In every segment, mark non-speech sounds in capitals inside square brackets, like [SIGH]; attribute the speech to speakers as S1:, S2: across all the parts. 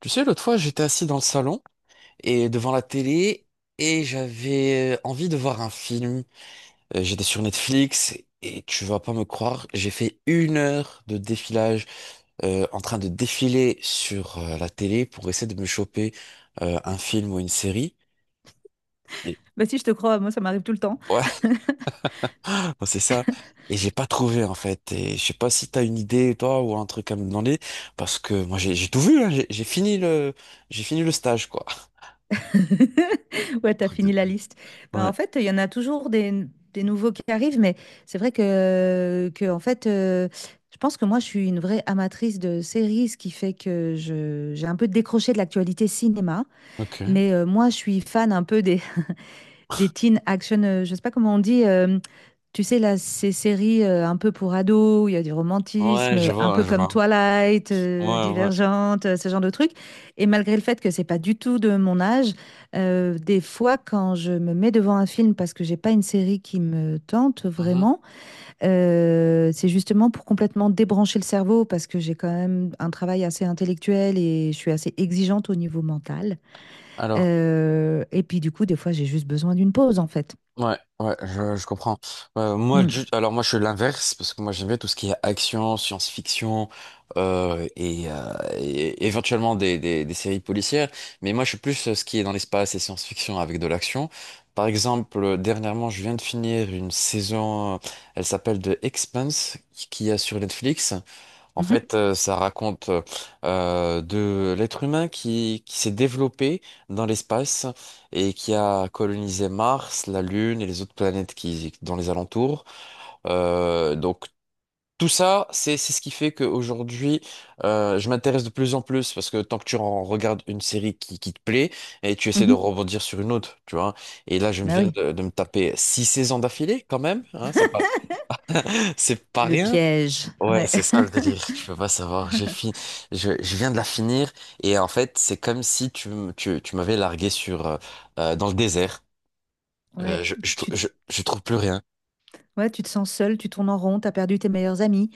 S1: Tu sais, l'autre fois, j'étais assis dans le salon et devant la télé et j'avais envie de voir un film. J'étais sur Netflix et tu vas pas me croire, j'ai fait une heure de défilage en train de défiler sur la télé pour essayer de me choper un film ou une série. Et-
S2: Bah si, je te crois, moi ça m'arrive tout le temps.
S1: ouais, [LAUGHS] c'est ça. Et j'ai pas trouvé en fait. Et je sais pas si t'as une idée toi ou un truc à me demander parce que moi j'ai tout vu, hein. J'ai fini le stage quoi.
S2: [LAUGHS] Ouais, t'as
S1: Truc de
S2: fini la
S1: dingue.
S2: liste. Ben,
S1: Ouais.
S2: en fait, il y en a toujours des nouveaux qui arrivent, mais c'est vrai que, que en fait, je pense que moi je suis une vraie amatrice de séries, ce qui fait que j'ai un peu décroché de l'actualité cinéma.
S1: Ok.
S2: Mais moi, je suis fan un peu [LAUGHS] des teen action, je sais pas comment on dit, tu sais, là, ces séries un peu pour ados, où il y a du romantisme,
S1: Ouais, je
S2: un
S1: vois,
S2: peu
S1: je
S2: comme
S1: vois.
S2: Twilight,
S1: Ouais, ouais.
S2: Divergente, ce genre de trucs. Et malgré le fait que c'est pas du tout de mon âge, des fois, quand je me mets devant un film parce que j'ai pas une série qui me tente
S1: Mhm.
S2: vraiment, c'est justement pour complètement débrancher le cerveau parce que j'ai quand même un travail assez intellectuel et je suis assez exigeante au niveau mental.
S1: Alors,
S2: Et puis, du coup, des fois, j'ai juste besoin d'une pause, en fait.
S1: ouais, ouais, je comprends. Moi,
S2: Mm.
S1: alors moi, je suis l'inverse parce que moi, j'aime bien tout ce qui est action, science-fiction et éventuellement des séries policières. Mais moi, je suis plus ce qui est dans l'espace et science-fiction avec de l'action. Par exemple, dernièrement, je viens de finir une saison, elle s'appelle The Expanse, qui est sur Netflix. En
S2: Mhm.
S1: fait, ça raconte de l'être humain qui s'est développé dans l'espace et qui a colonisé Mars, la Lune et les autres planètes qui dans les alentours. Donc tout ça, c'est ce qui fait qu'aujourd'hui, je m'intéresse de plus en plus parce que tant que tu en regardes une série qui te plaît et tu essaies de
S2: Mhm.
S1: rebondir sur une autre, tu vois. Et là, je me
S2: Bah
S1: viens
S2: oui.
S1: de me taper six saisons d'affilée quand même, hein, c'est pas [LAUGHS] c'est pas
S2: Le
S1: rien.
S2: piège.
S1: Ouais,
S2: Ouais.
S1: c'est ça le délire,
S2: [LAUGHS]
S1: tu peux pas savoir. J'ai fini, je viens de la finir et en fait, c'est comme si tu, tu, tu m'avais largué sur dans le désert.
S2: Ouais,
S1: Je,
S2: tu-
S1: je
S2: tu-
S1: trouve plus rien.
S2: ouais, tu te sens seul, tu tournes en rond, t'as perdu tes meilleurs amis.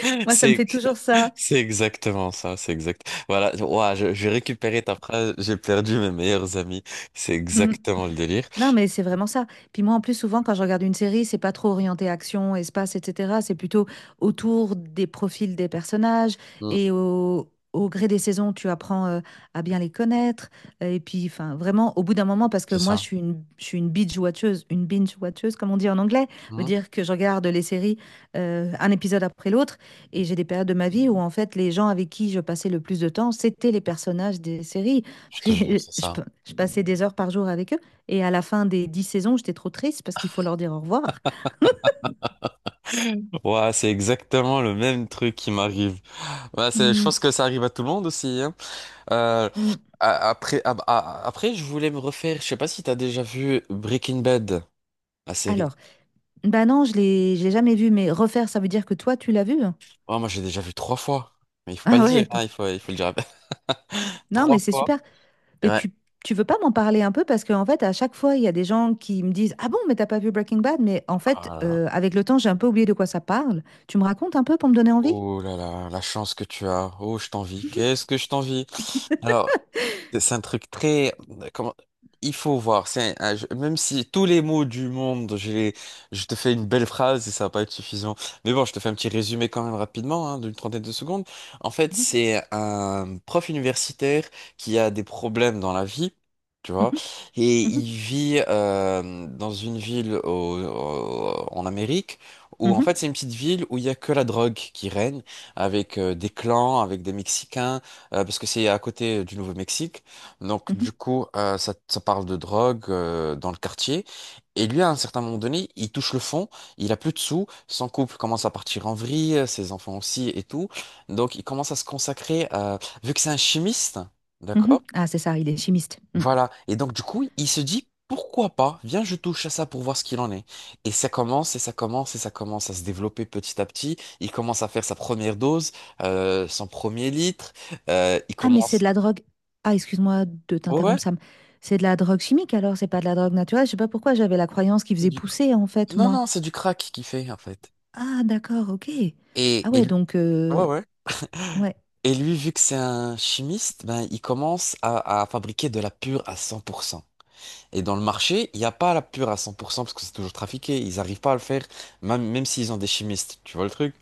S1: [LAUGHS]
S2: Moi, ça me
S1: C'est
S2: fait toujours ça.
S1: c'est exactement ça, c'est exact. Voilà, ouah, je vais récupérer ta phrase, j'ai perdu mes meilleurs amis. C'est
S2: Mm.
S1: exactement le délire.
S2: Non, mais c'est vraiment ça. Puis moi, en plus, souvent, quand je regarde une série, c'est pas trop orienté action, espace, etc. C'est plutôt autour des profils des personnages
S1: Mm,
S2: et au gré des saisons, tu apprends à bien les connaître. Et puis, enfin, vraiment, au bout d'un moment, parce que
S1: c'est
S2: moi, je
S1: ça.
S2: suis une, je suis une binge-watcheuse, une binge-watcheuse, comme on dit en anglais, veut
S1: Mm,
S2: dire que je regarde les séries un épisode après l'autre. Et j'ai des périodes de ma vie où, en fait, les gens avec qui je passais le plus de temps, c'était les personnages des séries.
S1: je te
S2: Parce que
S1: jure, c'est
S2: [LAUGHS] je
S1: ça.
S2: je passais des heures par jour avec eux. Et à la fin des 10 saisons, j'étais trop triste parce qu'il faut leur dire au revoir.
S1: Ouais, c'est exactement le même truc qui m'arrive. Ouais, c'est, je
S2: Mm,
S1: pense que ça arrive à tout le monde aussi, hein. Euh,
S2: mm.
S1: après, après, je voulais me refaire. Je sais pas si t'as déjà vu Breaking Bad, la série.
S2: Alors, bah non, je l'ai jamais vu, mais refaire, ça veut dire que toi, tu l'as vu?
S1: Oh, moi, j'ai déjà vu trois fois. Mais il faut pas le
S2: Ah ouais,
S1: dire, hein, il faut le dire. [LAUGHS]
S2: non,
S1: Trois
S2: mais c'est
S1: fois.
S2: super. Mais
S1: Ouais.
S2: tu veux pas m'en parler un peu parce qu'en fait, à chaque fois, il y a des gens qui me disent, ah bon, mais t'as pas vu Breaking Bad? Mais en fait,
S1: Oh là là.
S2: avec le temps, j'ai un peu oublié de quoi ça parle. Tu me racontes un peu pour me donner envie?
S1: Oh là là, la chance que tu as. Oh, je t'envie. Qu'est-ce que je t'envie. Alors, c'est un truc très... comment- Il faut voir. C'est un jeu- Même si tous les mots du monde, j'ai... je te fais une belle phrase et ça va pas être suffisant. Mais bon, je te fais un petit résumé quand même rapidement, hein, d'une trentaine de secondes. En fait,
S2: Mhm,
S1: c'est un prof universitaire qui a des problèmes dans la vie. Tu vois,
S2: mhm.
S1: et
S2: Mhm,
S1: il vit dans une ville en Amérique où en
S2: mhm,
S1: fait c'est une petite ville où il y a que la drogue qui règne avec des clans, avec des Mexicains, parce que c'est à côté du Nouveau-Mexique. Donc,
S2: mhm,
S1: du coup, ça, ça parle de drogue dans le quartier. Et lui, à un certain moment donné, il touche le fond, il a plus de sous, son couple commence à partir en vrille, ses enfants aussi et tout. Donc, il commence à se consacrer, vu que c'est un chimiste,
S2: mhm.
S1: d'accord?
S2: Ah, c'est ça, il est chimiste. Mm.
S1: Voilà. Et donc, du coup, il se dit, pourquoi pas? Viens, je touche à ça pour voir ce qu'il en est. Et ça commence, et ça commence, et ça commence à se développer petit à petit. Il commence à faire sa première dose, son premier litre. Il
S2: Ah, mais c'est
S1: commence...
S2: de la drogue. Ah, excuse-moi de
S1: Ouais.
S2: t'interrompre, Sam. C'est de la drogue chimique alors, c'est pas de la drogue naturelle. Je sais pas pourquoi j'avais la croyance qu'il
S1: C'est
S2: faisait
S1: du
S2: pousser en fait,
S1: non,
S2: moi.
S1: non, c'est du crack qu'il fait, en fait.
S2: Ah, d'accord, ok. Ah
S1: Et,
S2: ouais,
S1: ouais, ouais.
S2: oh, ouais,
S1: Et lui, vu que c'est un chimiste, ben, il commence à fabriquer de la pure à 100%. Et dans le marché, il n'y a pas la pure à 100% parce que c'est toujours trafiqué. Ils n'arrivent pas à le faire, même, même s'ils ont des chimistes. Tu vois le truc?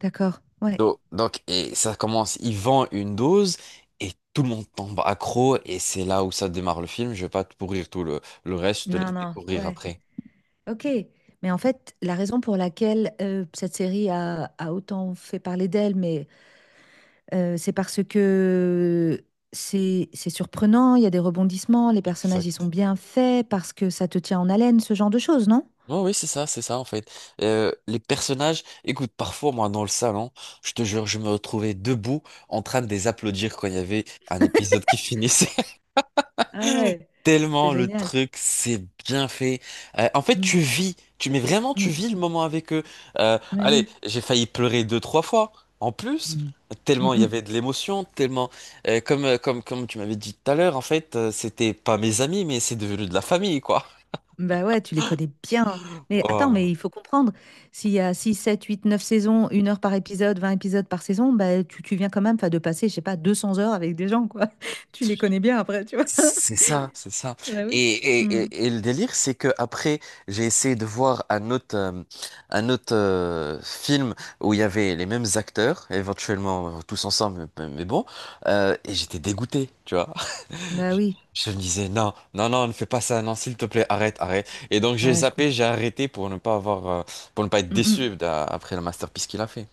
S2: d'accord, ouais.
S1: Donc, et ça commence, il vend une dose et tout le monde tombe accro. Et c'est là où ça démarre le film. Je vais pas te pourrir tout le reste, je te
S2: Non,
S1: laisse
S2: non,
S1: découvrir
S2: ouais,
S1: après.
S2: ok. Mais en fait, la raison pour laquelle cette série a autant fait parler d'elle, mais c'est parce que c'est surprenant, il y a des rebondissements, les personnages ils sont
S1: Exact.
S2: bien faits parce que ça te tient en haleine, ce genre de choses, non?
S1: Ouais, oui, c'est ça en fait. Les personnages, écoute, parfois moi dans le salon, je te jure, je me retrouvais debout en train de les applaudir quand il y avait un épisode qui finissait. [LAUGHS]
S2: Ah ouais, c'est
S1: Tellement le
S2: génial.
S1: truc, c'est bien fait. En fait, tu
S2: Mm,
S1: vis, tu mais vraiment tu
S2: mm,
S1: vis le moment avec eux.
S2: mais
S1: Allez,
S2: oui.
S1: j'ai failli pleurer deux, trois fois en plus.
S2: Mm, mm,
S1: Tellement il y
S2: mm.
S1: avait de l'émotion, tellement comme comme tu m'avais dit tout à l'heure, en fait, c'était pas mes amis, mais c'est devenu de la famille quoi.
S2: Bah ouais, tu les connais bien. Mais attends, mais il
S1: [LAUGHS]
S2: faut comprendre, s'il y a 6, 7, 8, 9 saisons, 1 heure par épisode, 20 épisodes par saison, bah tu viens quand même 'fin, de passer, je sais pas, 200 heures avec des gens, quoi. [LAUGHS]
S1: Oh.
S2: Tu les connais bien après, tu vois. [LAUGHS]
S1: C'est ça, c'est ça.
S2: Bah
S1: Et,
S2: oui.
S1: et,
S2: Mm.
S1: et le délire, c'est que après, j'ai essayé de voir un autre film où il y avait les mêmes acteurs, éventuellement tous ensemble, mais bon, et j'étais dégoûté, tu vois. [LAUGHS]
S2: Bah oui,
S1: Je me disais, non, non, non, ne fais pas ça, non, s'il te plaît, arrête, arrête. Et donc j'ai
S2: ouais, je
S1: zappé,
S2: comprends.
S1: j'ai arrêté pour ne pas avoir, pour ne pas être
S2: Mm, mm.
S1: déçu après le masterpiece qu'il a fait.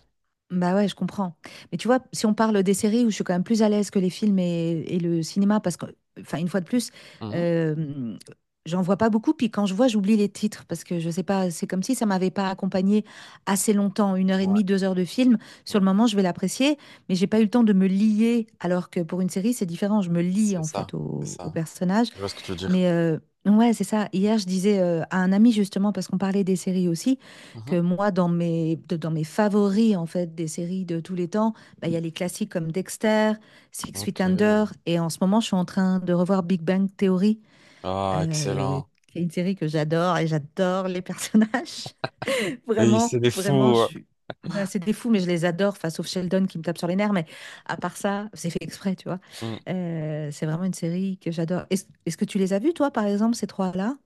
S2: Bah ouais, je comprends. Mais tu vois, si on parle des séries où je suis quand même plus à l'aise que les films et le cinéma, parce que, enfin, une fois de plus,
S1: Mhm.
S2: euh, j'en vois pas beaucoup. Puis quand je vois, j'oublie les titres parce que je sais pas, c'est comme si ça m'avait pas accompagné assez longtemps, une heure et
S1: Ouais.
S2: demie, 2 heures de film. Sur le moment, je vais l'apprécier, mais j'ai pas eu le temps de me lier. Alors que pour une série, c'est différent. Je me lie
S1: C'est
S2: en
S1: ça,
S2: fait
S1: c'est
S2: au
S1: ça.
S2: personnage.
S1: Je vois ce que tu veux dire.
S2: Mais ouais, c'est ça. Hier, je disais à un ami justement, parce qu'on parlait des séries aussi,
S1: Mhm.
S2: que moi, dans mes favoris en fait des séries de tous les temps, bah, il y a les classiques comme Dexter, Six Feet
S1: Ok.
S2: Under, et en ce moment, je suis en train de revoir Big Bang Theory,
S1: Ah,
S2: euh,
S1: excellent.
S2: qui est une série que j'adore et j'adore les [LAUGHS] personnages.
S1: Et
S2: Vraiment,
S1: c'est des
S2: vraiment,
S1: fous.
S2: je
S1: Ouais.
S2: suis. Bah, c'est des fous, mais je les adore, enfin, sauf Sheldon qui me tape sur les nerfs. Mais à part ça, c'est fait exprès, tu vois.
S1: Mm.
S2: C'est vraiment une série que j'adore. Est-ce que tu les as vus, toi, par exemple, ces trois-là?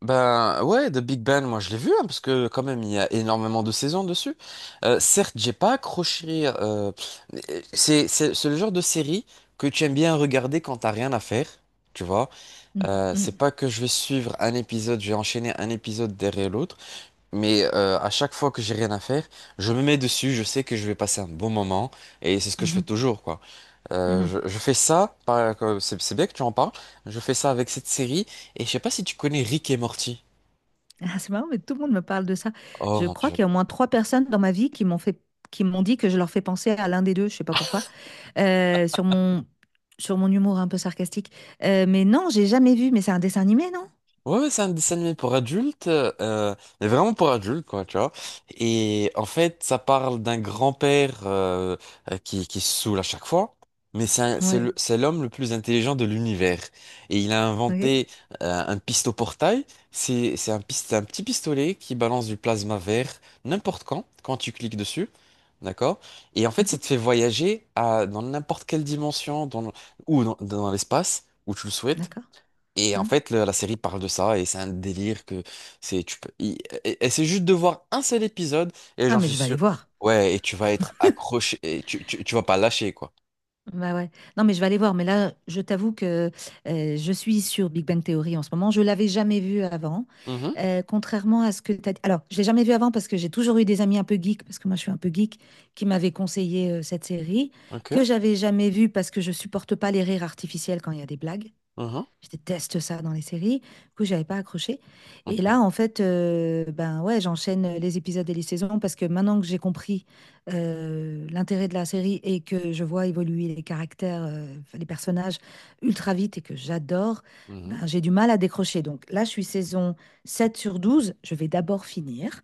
S1: Ben ouais, The Big Bang, moi je l'ai vu hein, parce que quand même il y a énormément de saisons dessus. Certes, j'ai pas accroché. Mais, c'est le genre de série que tu aimes bien regarder quand t'as rien à faire, tu vois.
S2: Mm, mm,
S1: C'est pas que je vais suivre un épisode, je vais enchaîner un épisode derrière l'autre, mais à chaque fois que j'ai rien à faire, je me mets dessus. Je sais que je vais passer un bon moment et c'est ce que je fais
S2: mhm,
S1: toujours quoi.
S2: mhm.
S1: Je fais ça, c'est bien que tu en parles, je fais ça avec cette série, et je sais pas si tu connais Rick et Morty.
S2: Ah, c'est marrant, mais tout le monde me parle de ça.
S1: Oh
S2: Je
S1: mon
S2: crois
S1: Dieu.
S2: qu'il y a au moins trois personnes dans ma vie qui m'ont fait, qui m'ont dit que je leur fais penser à l'un des deux, je sais pas pourquoi, euh, sur mon, sur mon humour un peu sarcastique. Mais non, j'ai jamais vu, mais c'est un dessin animé, non?
S1: Ouais, ouais, c'est un dessin animé pour adultes, mais vraiment pour adultes, quoi, tu vois. Et en fait, ça parle d'un grand-père qui se saoule à chaque fois, mais
S2: Ouais,
S1: c'est l'homme le plus intelligent de l'univers. Et il a
S2: ok.
S1: inventé un pistoportail. C'est un, un petit pistolet qui balance du plasma vert n'importe quand, quand tu cliques dessus. D'accord? Et en fait, ça
S2: Mhm,
S1: te fait voyager à, dans n'importe quelle dimension ou dans dans l'espace, où tu le souhaites.
S2: d'accord.
S1: Et en
S2: Hein.
S1: fait, la série parle de ça et c'est un délire que c'est tu peux il- et c'est juste de voir un seul épisode et
S2: Ah,
S1: j'en
S2: mais
S1: suis
S2: je vais aller
S1: sûr.
S2: voir.
S1: Ouais, et tu vas être accroché et tu vas pas lâcher quoi.
S2: Bah ouais. Non, mais je vais aller voir. Mais là, je t'avoue que je suis sur Big Bang Theory en ce moment. Je l'avais jamais vu avant.
S1: Mhm,
S2: Contrairement à ce que tu as dit. Alors, je l'ai jamais vu avant parce que j'ai toujours eu des amis un peu geeks, parce que moi, je suis un peu geek, qui m'avaient conseillé cette série,
S1: ok,
S2: que j'avais jamais vue parce que je supporte pas les rires artificiels quand il y a des blagues.
S1: mhm,
S2: Je déteste ça dans les séries. Du coup, j'avais pas accroché. Et
S1: ok,
S2: là, en fait, ben ouais, j'enchaîne les épisodes et les saisons parce que maintenant que j'ai compris l'intérêt de la série et que je vois évoluer les caractères, les personnages ultra vite et que j'adore, ben
S1: mhm.
S2: j'ai du mal à décrocher. Donc là, je suis saison 7 sur 12. Je vais d'abord finir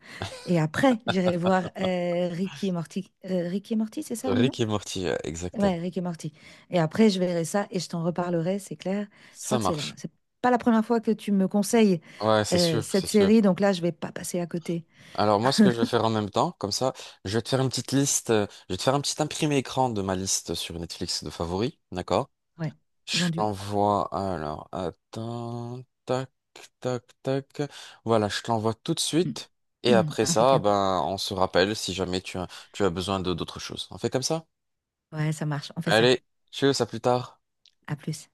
S2: et après, j'irai voir Ricky et Morty. Ricky et Morty, c'est ça le nom?
S1: Rick et Morty, exactement.
S2: Ouais, Rick et Morty. Et après, je verrai ça et je t'en reparlerai, c'est clair. Je crois
S1: Ça
S2: que c'est là.
S1: marche.
S2: C'est pas la première fois que tu me conseilles
S1: Ouais, c'est sûr, c'est
S2: cette
S1: sûr.
S2: série, donc là, je vais pas passer à côté.
S1: Alors moi, ce que je vais faire en même temps, comme ça, je vais te faire une petite liste, je vais te faire un petit imprimé écran de ma liste sur Netflix de favoris, d'accord?
S2: Ouais,
S1: Je
S2: vendu.
S1: t'envoie, alors, attends, tac, tac, tac. Voilà, je t'envoie tout de suite. Et
S2: [CLEARS THROAT]
S1: après ça,
S2: Impeccable.
S1: ben, on se rappelle si jamais tu as, tu as besoin de d'autres choses. On fait comme ça?
S2: Ouais, ça marche. On fait ça.
S1: Allez, tchuss, à plus tard.
S2: À plus.